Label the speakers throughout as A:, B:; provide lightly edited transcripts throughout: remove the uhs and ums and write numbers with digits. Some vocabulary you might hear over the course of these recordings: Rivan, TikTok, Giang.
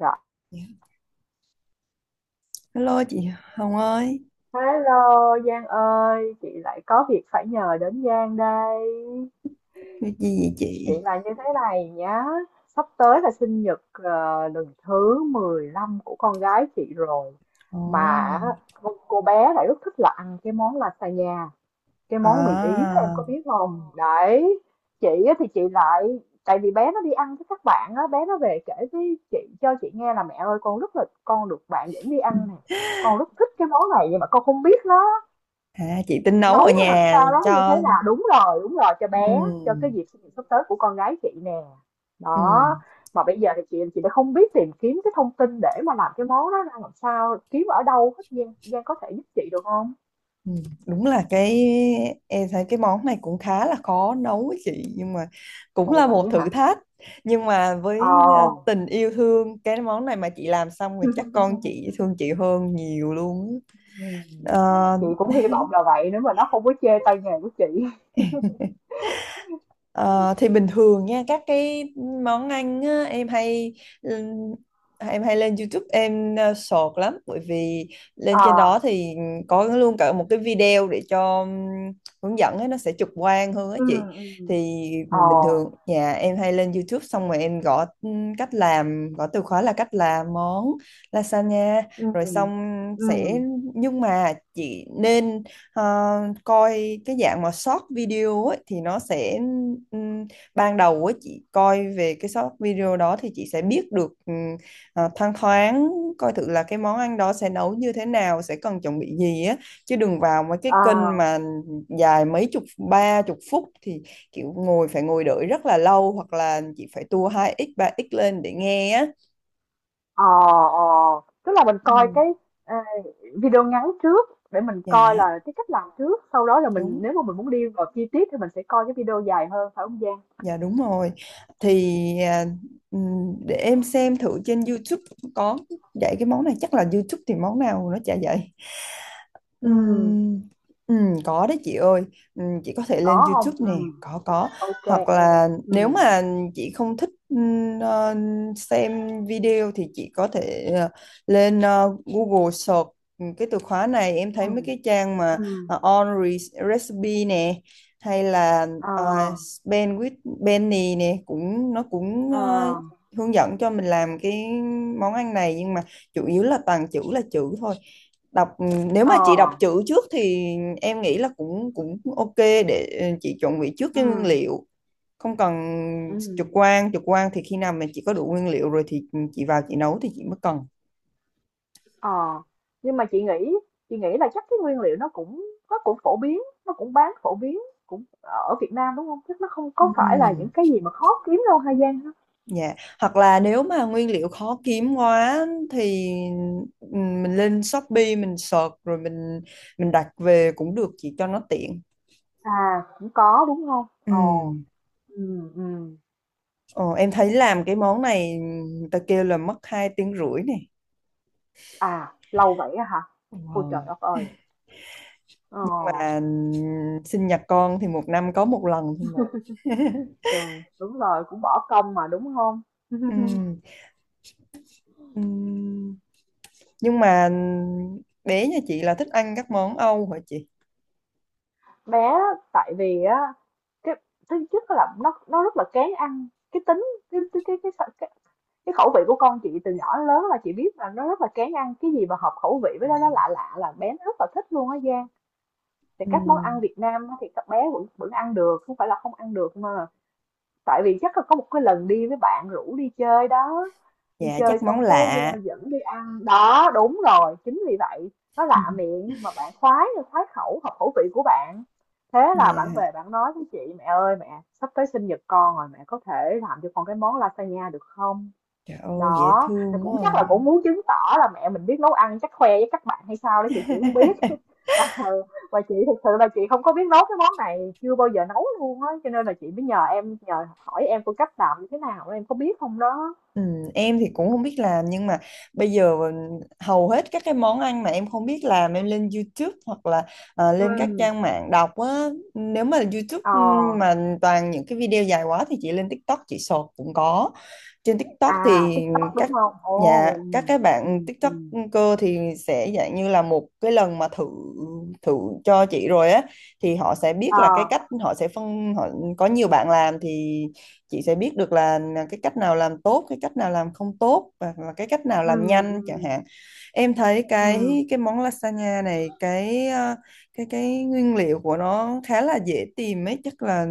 A: Rồi,
B: Dạ. Hello chị Hồng ơi,
A: hello Giang ơi, chị lại có việc phải nhờ đến Giang đây.
B: việc gì vậy chị?
A: Chuyện là như thế này nhá, sắp tới là sinh nhật lần thứ 15 của con gái chị rồi.
B: Ồ.
A: Mà cô bé lại rất thích là ăn cái món lasagna, cái
B: À.
A: món mì Ý đó em có biết không? Đấy, chị á thì chị lại, tại vì bé nó đi ăn với các bạn á, bé nó về kể với chị cho chị nghe là mẹ ơi con được bạn dẫn đi ăn nè. Con rất thích cái món này nhưng mà con không biết nó
B: Chị tính nấu
A: nấu
B: ở
A: nó làm
B: nhà
A: sao đó như thế
B: cho
A: nào, đúng rồi đúng rồi, cho bé cho
B: ừ,
A: cái dịp sinh nhật sắp tới của con gái chị nè
B: ừ,
A: đó. Mà bây giờ thì chị đã không biết tìm kiếm cái thông tin để mà làm cái món đó ra làm sao, kiếm ở đâu hết, Giang Giang có thể giúp chị được không?
B: ừ. Đúng là cái em thấy cái món này cũng khá là khó nấu ấy chị, nhưng mà cũng
A: Ồ
B: là một
A: vậy
B: thử
A: hả?
B: thách. Nhưng mà với
A: Ồ.
B: tình yêu thương cái món này mà chị làm xong rồi chắc con chị thương chị hơn nhiều luôn.
A: Ừ.
B: á.
A: Chị cũng hy vọng là vậy nếu mà nó không có chê tay nghề của chị.
B: Ờ, thì bình thường nha, các cái món ăn á, ừm, em hay lên YouTube, em sọt lắm, bởi vì lên trên
A: À,
B: đó thì có luôn cả một cái video để cho hướng dẫn ấy, nó sẽ trực quan hơn á
A: ừ,
B: chị.
A: ừ,
B: Thì
A: ờ,
B: bình thường nhà em hay lên YouTube, xong rồi em gõ cách làm, gõ từ khóa là cách làm món lasagna
A: ừ,
B: rồi xong sẽ.
A: ừ.
B: Nhưng mà chị nên Ờ, coi cái dạng mà short video ấy, thì nó sẽ ừm, ban đầu ấy, chị coi về cái short video đó thì chị sẽ biết được thoang thoáng, coi thử là cái món ăn đó sẽ nấu như thế nào, sẽ cần chuẩn bị gì á. Chứ đừng vào mấy cái kênh
A: À.
B: mà dài mấy chục, 30 phút, thì kiểu ngồi, phải ngồi đợi rất là lâu, hoặc là chị phải tua 2x 3x lên để nghe á.
A: Ờ, ờ, tức là mình coi
B: Ừ.
A: ờ, video ngắn trước để mình coi
B: dạ
A: là cái cách làm trước, sau đó là
B: đúng
A: mình nếu mà mình muốn đi vào chi tiết thì mình sẽ coi cái video dài hơn phải không Giang?
B: Dạ đúng rồi. Thì à, để em xem thử trên YouTube có dạy cái món này. Chắc là YouTube thì món nào nó chả dạy.
A: Ừ.
B: Ừm, có đấy chị ơi. Chị có thể lên
A: Có không?
B: YouTube nè,
A: Ừ,
B: có.
A: OK
B: Hoặc
A: em.
B: là nếu
A: Ừ,
B: mà chị không thích xem video thì chị có thể lên Google search cái từ khóa này. Em
A: ừ.
B: thấy mấy cái trang mà
A: Ừm.
B: ờ, on Re- recipe nè, hay là
A: Ờ,
B: uh, Ben with Benny nè, cũng nó cũng
A: ờ,
B: hướng dẫn cho mình làm cái món ăn này. Nhưng mà chủ yếu là toàn chữ là chữ thôi, đọc. Ừ, Nếu
A: ờ.
B: mà chị đọc chữ trước thì em nghĩ là cũng cũng ok để chị chuẩn bị trước
A: Ừ.
B: cái nguyên liệu, không cần trực
A: Ừm.
B: quan trực quan Thì khi nào mình chỉ có đủ nguyên liệu rồi thì chị vào chị nấu thì chị mới cần.
A: Ờ, nhưng mà chị nghĩ là chắc cái nguyên liệu nó cũng phổ biến, nó cũng bán phổ biến cũng ở Việt Nam đúng không, chắc nó không có phải là những
B: Ừm,
A: cái gì mà khó kiếm đâu Hà Giang hả?
B: dạ, hoặc là nếu mà nguyên liệu khó kiếm quá thì mình lên Shopee mình search rồi mình đặt về cũng được chị, cho nó tiện.
A: À cũng có đúng không? Ồ.
B: Ừm,
A: Ừ. Ừ.
B: Ờ, em thấy làm cái món này người ta kêu là mất 2 tiếng rưỡi này.
A: À lâu vậy á hả. Ôi trời
B: Ờ.
A: đất ơi. Ờ.
B: Mà sinh nhật con thì một năm có một lần thôi mà.
A: Trời, đúng rồi cũng bỏ công mà đúng không.
B: Ừm, ừm, nhưng mà bé nhà chị là thích ăn các món Âu hả chị?
A: Bé á, tại vì á cái thứ nhất là nó rất là kén ăn cái tính, cái cái cái cái, cái, cái khẩu vị của con chị từ nhỏ đến lớn là chị biết là nó rất là kén ăn, cái gì mà hợp khẩu vị với nó lạ lạ là bé nó rất là thích luôn á Giang. Thì
B: Ừ.
A: các món ăn Việt Nam thì các bé vẫn vẫn ăn được, không phải là không ăn được mà tại vì chắc là có một cái lần đi với bạn rủ đi chơi đó. Đi
B: Dạ,
A: chơi
B: chắc món
A: xong cái
B: lạ.
A: dẫn đi ăn đó, đúng rồi, chính vì vậy nó lạ miệng mà bạn khoái, khoái khẩu hợp khẩu vị của bạn. Thế là bạn
B: Dạ
A: về bạn nói với chị mẹ ơi mẹ sắp tới sinh nhật con rồi, mẹ có thể làm cho con cái món lasagna được không?
B: trời ơi dễ
A: Đó, thì
B: thương
A: cũng
B: quá
A: chắc
B: à.
A: là cũng muốn chứng tỏ là mẹ mình biết nấu ăn, chắc khoe với các bạn hay sao đó, chị không biết. Ờ, và chị thực sự là chị không có biết nấu cái món này, chưa bao giờ nấu luôn á, cho nên là chị mới nhờ em, nhờ hỏi em phương cách làm như thế nào, em có biết không đó.
B: Ừ, em thì cũng không biết làm, nhưng mà bây giờ hầu hết các cái món ăn mà em không biết làm em lên YouTube hoặc là lên các
A: Ừ.
B: trang mạng đọc á. Nếu mà YouTube
A: Ờ,
B: mà toàn những cái video dài quá thì chị lên TikTok, chị sọt cũng có. Trên TikTok
A: à
B: thì
A: TikTok
B: các
A: đúng không? Ồ,
B: nhà, các
A: ừ,
B: cái
A: ừ,
B: bạn
A: ừ.
B: TikToker thì sẽ dạng như là một cái lần mà thử thử cho chị rồi á, thì họ sẽ biết
A: Ờ,
B: là cái cách, họ sẽ phân họ, có nhiều bạn làm thì chị sẽ biết được là cái cách nào làm tốt, cái cách nào làm không tốt, và cái cách nào làm
A: ừ, ừ,
B: nhanh chẳng hạn. Em thấy
A: ừ,
B: cái món lasagna này cái cái nguyên liệu của nó khá là dễ tìm ấy, chắc là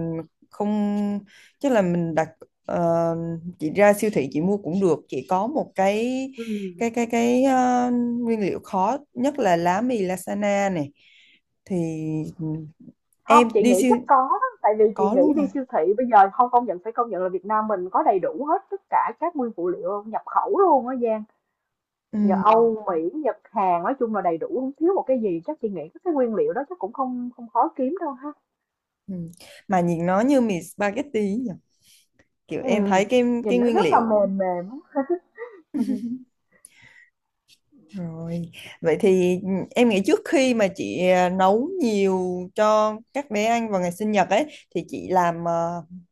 B: không, chắc là mình đặt. ờ, chị ra siêu thị chị mua cũng được chị, có một cái
A: ừ.
B: cái cái cái nguyên liệu khó nhất là lá mì lasagna này. Thì ừ,
A: Không,
B: em
A: chị
B: đi
A: nghĩ chắc
B: siêu.
A: có, tại vì chị
B: Có
A: nghĩ
B: luôn
A: đi
B: hả?
A: siêu thị bây giờ không, công nhận phải công nhận là Việt Nam mình có đầy đủ hết tất cả các nguyên phụ liệu nhập khẩu luôn á Giang.
B: Ừ.
A: Nhờ Âu Mỹ Nhật Hàn nói chung là đầy đủ không thiếu một cái gì, chắc chị nghĩ các cái nguyên liệu đó chắc cũng không không khó kiếm đâu ha.
B: Ừ. Mà nhìn nó như mì spaghetti nhỉ? Kiểu
A: Ừ.
B: em thấy cái
A: Nhìn nó
B: nguyên
A: rất là
B: liệu
A: mềm mềm á.
B: rồi. Vậy thì em nghĩ trước khi mà chị nấu nhiều cho các bé ăn vào ngày sinh nhật ấy thì chị làm à,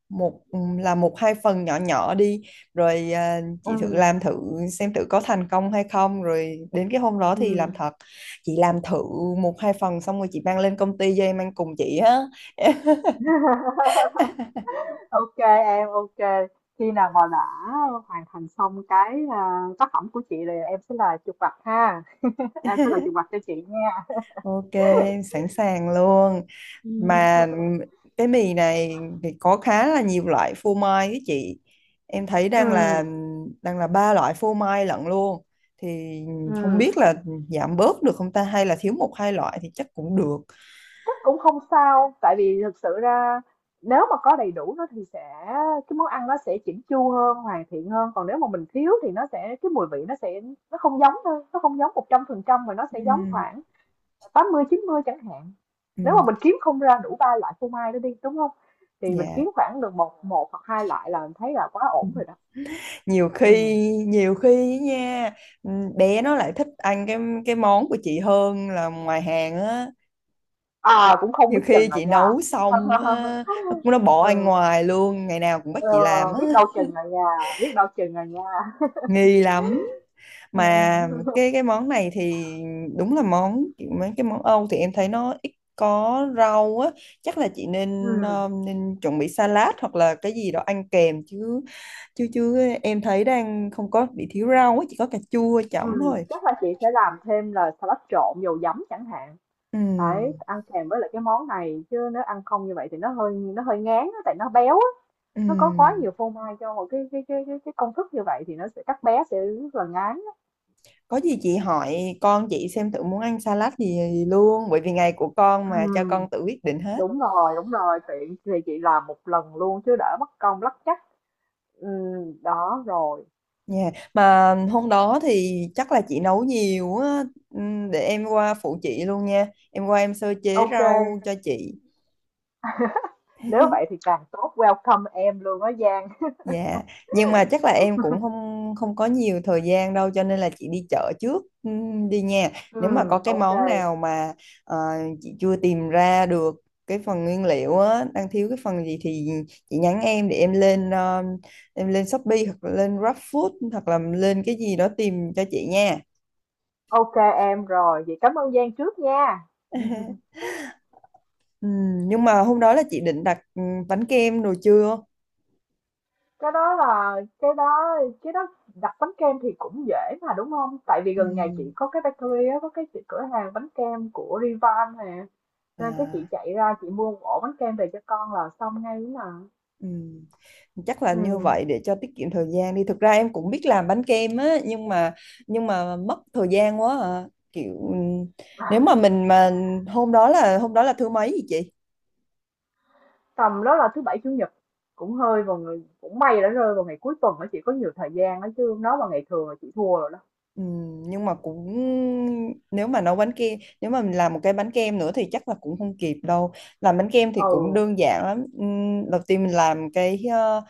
B: một ừ, làm một hai phần nhỏ nhỏ đi, rồi
A: Ừ.
B: chị thử
A: Ừ.
B: làm thử xem thử có thành công hay không, rồi đến cái hôm đó thì làm
A: Ừ.
B: thật. Chị làm thử một hai phần xong rồi chị mang lên công ty cho em ăn cùng chị á.
A: Ok em, ok, khi nào mà đã hoàn thành xong tác phẩm của chị thì em sẽ là chụp mặt ha. Em sẽ là chụp mặt cho chị nha.
B: Ok, sẵn sàng luôn.
A: Ừ.
B: Mà cái mì này thì có khá là nhiều loại phô mai ấy chị. Em thấy
A: Ừ.
B: đang là ba loại phô mai lận luôn. Thì không
A: Ừm,
B: biết là giảm bớt được không ta, hay là thiếu một hai loại thì chắc cũng được.
A: chắc cũng không sao, tại vì thực sự ra nếu mà có đầy đủ nó thì sẽ cái món ăn nó sẽ chỉnh chu hơn, hoàn thiện hơn. Còn nếu mà mình thiếu thì nó sẽ cái mùi vị nó sẽ nó không giống thôi, nó không giống 100% mà nó sẽ giống
B: Ừ,
A: khoảng 80 90 chẳng hạn. Nếu
B: ừ,
A: mà mình kiếm không ra đủ ba loại phô mai đó đi, đúng không? Thì mình
B: dạ.
A: kiếm khoảng được một một hoặc hai loại là mình thấy là quá ổn rồi đó.
B: Nhiều khi
A: Ừ.
B: nhiều khi á nha, ừ, bé nó lại thích ăn cái món của chị hơn là ngoài hàng á.
A: À cũng không
B: Nhiều
A: biết
B: khi
A: chừng rồi
B: chị
A: nha.
B: nấu xong á, nó bỏ anh
A: Ừ.
B: ngoài luôn, ngày nào cũng bắt
A: Ờ,
B: chị làm á,
A: biết đâu chừng rồi nha, biết đâu chừng rồi nha.
B: nghi lắm. Mà
A: Yeah.
B: cái món này thì đúng là món, mấy cái món Âu thì em thấy nó ít có rau á. Chắc là chị nên ờ,
A: Ừ,
B: nên chuẩn bị salad hoặc là cái gì đó ăn kèm chứ. Chứ chứ Em thấy đang không có bị thiếu rau á, chỉ có cà chua
A: ừ,
B: chẩm thôi.
A: chắc là chị sẽ làm thêm là salad trộn dầu giấm chẳng hạn.
B: Ừ.
A: Đấy, ăn kèm với lại cái món này chứ nếu ăn không như vậy thì nó hơi ngán á, tại nó béo á. Nó có quá
B: Ừ.
A: nhiều phô mai cho một cái công thức như vậy thì nó sẽ các bé sẽ rất là ngán. Á.
B: Có gì chị hỏi con chị xem thử muốn ăn salad gì luôn, bởi vì ngày của con
A: Ừ,
B: mà, cho con tự quyết định hết
A: đúng rồi, tiện thì chị làm một lần luôn chứ đỡ mất công lắc chắc. Ừ, đó rồi.
B: nha. Mà hôm đó thì chắc là chị nấu nhiều á, để em qua phụ chị luôn nha. Em qua em sơ chế
A: Ok,
B: rau cho chị.
A: nếu vậy thì càng tốt, welcome em luôn á Giang.
B: Dạ, nhưng mà chắc là em cũng không không có nhiều thời gian đâu, cho nên là chị đi chợ trước đi nha. Nếu mà có
A: Ừ,
B: cái
A: ok.
B: món nào mà ờ, chị chưa tìm ra được cái phần nguyên liệu á, đang thiếu cái phần gì thì chị nhắn em, để em lên Shopee hoặc là lên GrabFood hoặc là lên cái gì đó tìm cho chị nha.
A: Ok em rồi, vậy cảm ơn Giang trước nha.
B: Nhưng mà hôm đó là chị định đặt bánh kem đồ chưa?
A: Cái đó là cái đó cái đó đặt bánh kem thì cũng dễ mà đúng không? Tại vì gần nhà chị
B: Ừm,
A: có cái bakery á, có cái chị- cửa hàng bánh kem của Rivan nè. Nên cái chị
B: à,
A: chạy ra chị mua một ổ bánh kem về cho con là xong ngay ấy mà.
B: ừm. Chắc là như
A: Ừ.
B: vậy để cho tiết kiệm thời gian đi. Thực ra em cũng biết làm bánh kem á, nhưng mà mất thời gian quá à. Kiểu nếu mà mình mà, hôm đó là thứ mấy vậy chị?
A: Tầm đó là thứ bảy chủ nhật cũng hơi vào người cũng may đã rơi vào ngày cuối tuần đó chị có nhiều thời gian đó chứ. Nó vào ngày thường là chị thua rồi đó.
B: Ừ, nhưng mà cũng, nếu mà nấu bánh kem, nếu mà mình làm một cái bánh kem nữa thì chắc là cũng không kịp đâu. Làm bánh kem thì cũng
A: Ừ.
B: đơn giản lắm. Đầu tiên mình làm cái ờ,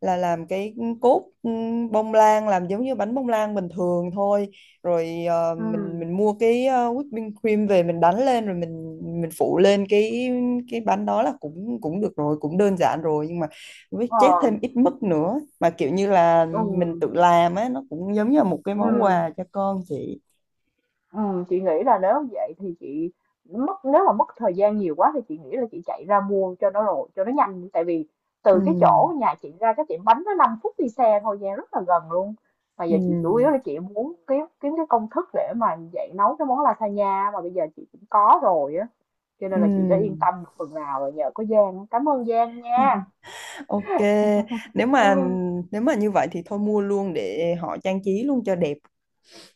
B: là làm cái cốt bông lan, làm giống như bánh bông lan bình thường thôi, rồi
A: Ừ.
B: mình mua cái whipping cream về mình đánh lên, rồi mình phủ lên cái bánh, đó là cũng cũng được rồi, cũng đơn giản rồi. Nhưng mà với chét
A: Rồi.
B: thêm ít mứt nữa mà kiểu như là mình
A: Ừ.
B: tự làm á, nó cũng giống như là một cái
A: Ừ.
B: món quà cho con chị.
A: Ừ, chị nghĩ là nếu vậy thì chị mất, nếu mà mất thời gian nhiều quá thì chị nghĩ là chị chạy ra mua cho nó rồi cho nó nhanh, tại vì
B: Ừ.
A: từ cái chỗ nhà chị ra cái tiệm bánh nó 5 phút đi xe thôi nha, rất là gần luôn. Mà
B: Ừ.
A: giờ chị chủ yếu là chị muốn kiếm kiếm cái công thức để mà dạy nấu cái món lasagna mà bây giờ chị cũng có rồi á, cho nên là chị đã yên
B: Ừ.
A: tâm một phần nào rồi, nhờ có Giang, cảm ơn Giang nha.
B: Ok. nếu mà
A: Ừ,
B: Nếu mà như vậy thì thôi mua luôn để họ trang trí luôn cho đẹp.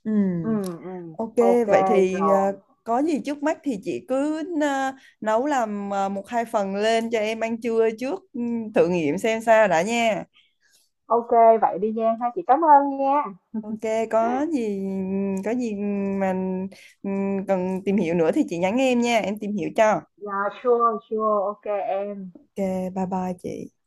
B: Ừ.
A: ừ, ừ.
B: Ok.
A: Ok
B: Vậy thì
A: rồi.
B: có gì trước mắt thì chị cứ nấu, làm một hai phần lên cho em ăn trưa trước, thử nghiệm xem sao đã nha.
A: Ok, vậy đi Giang ha, chị cảm ơn nha.
B: Ok, có gì có gì mà cần tìm hiểu nữa thì chị nhắn em nha, em tìm hiểu cho.
A: Yeah, sure, sure, ok em.
B: Ok, bye bye chị.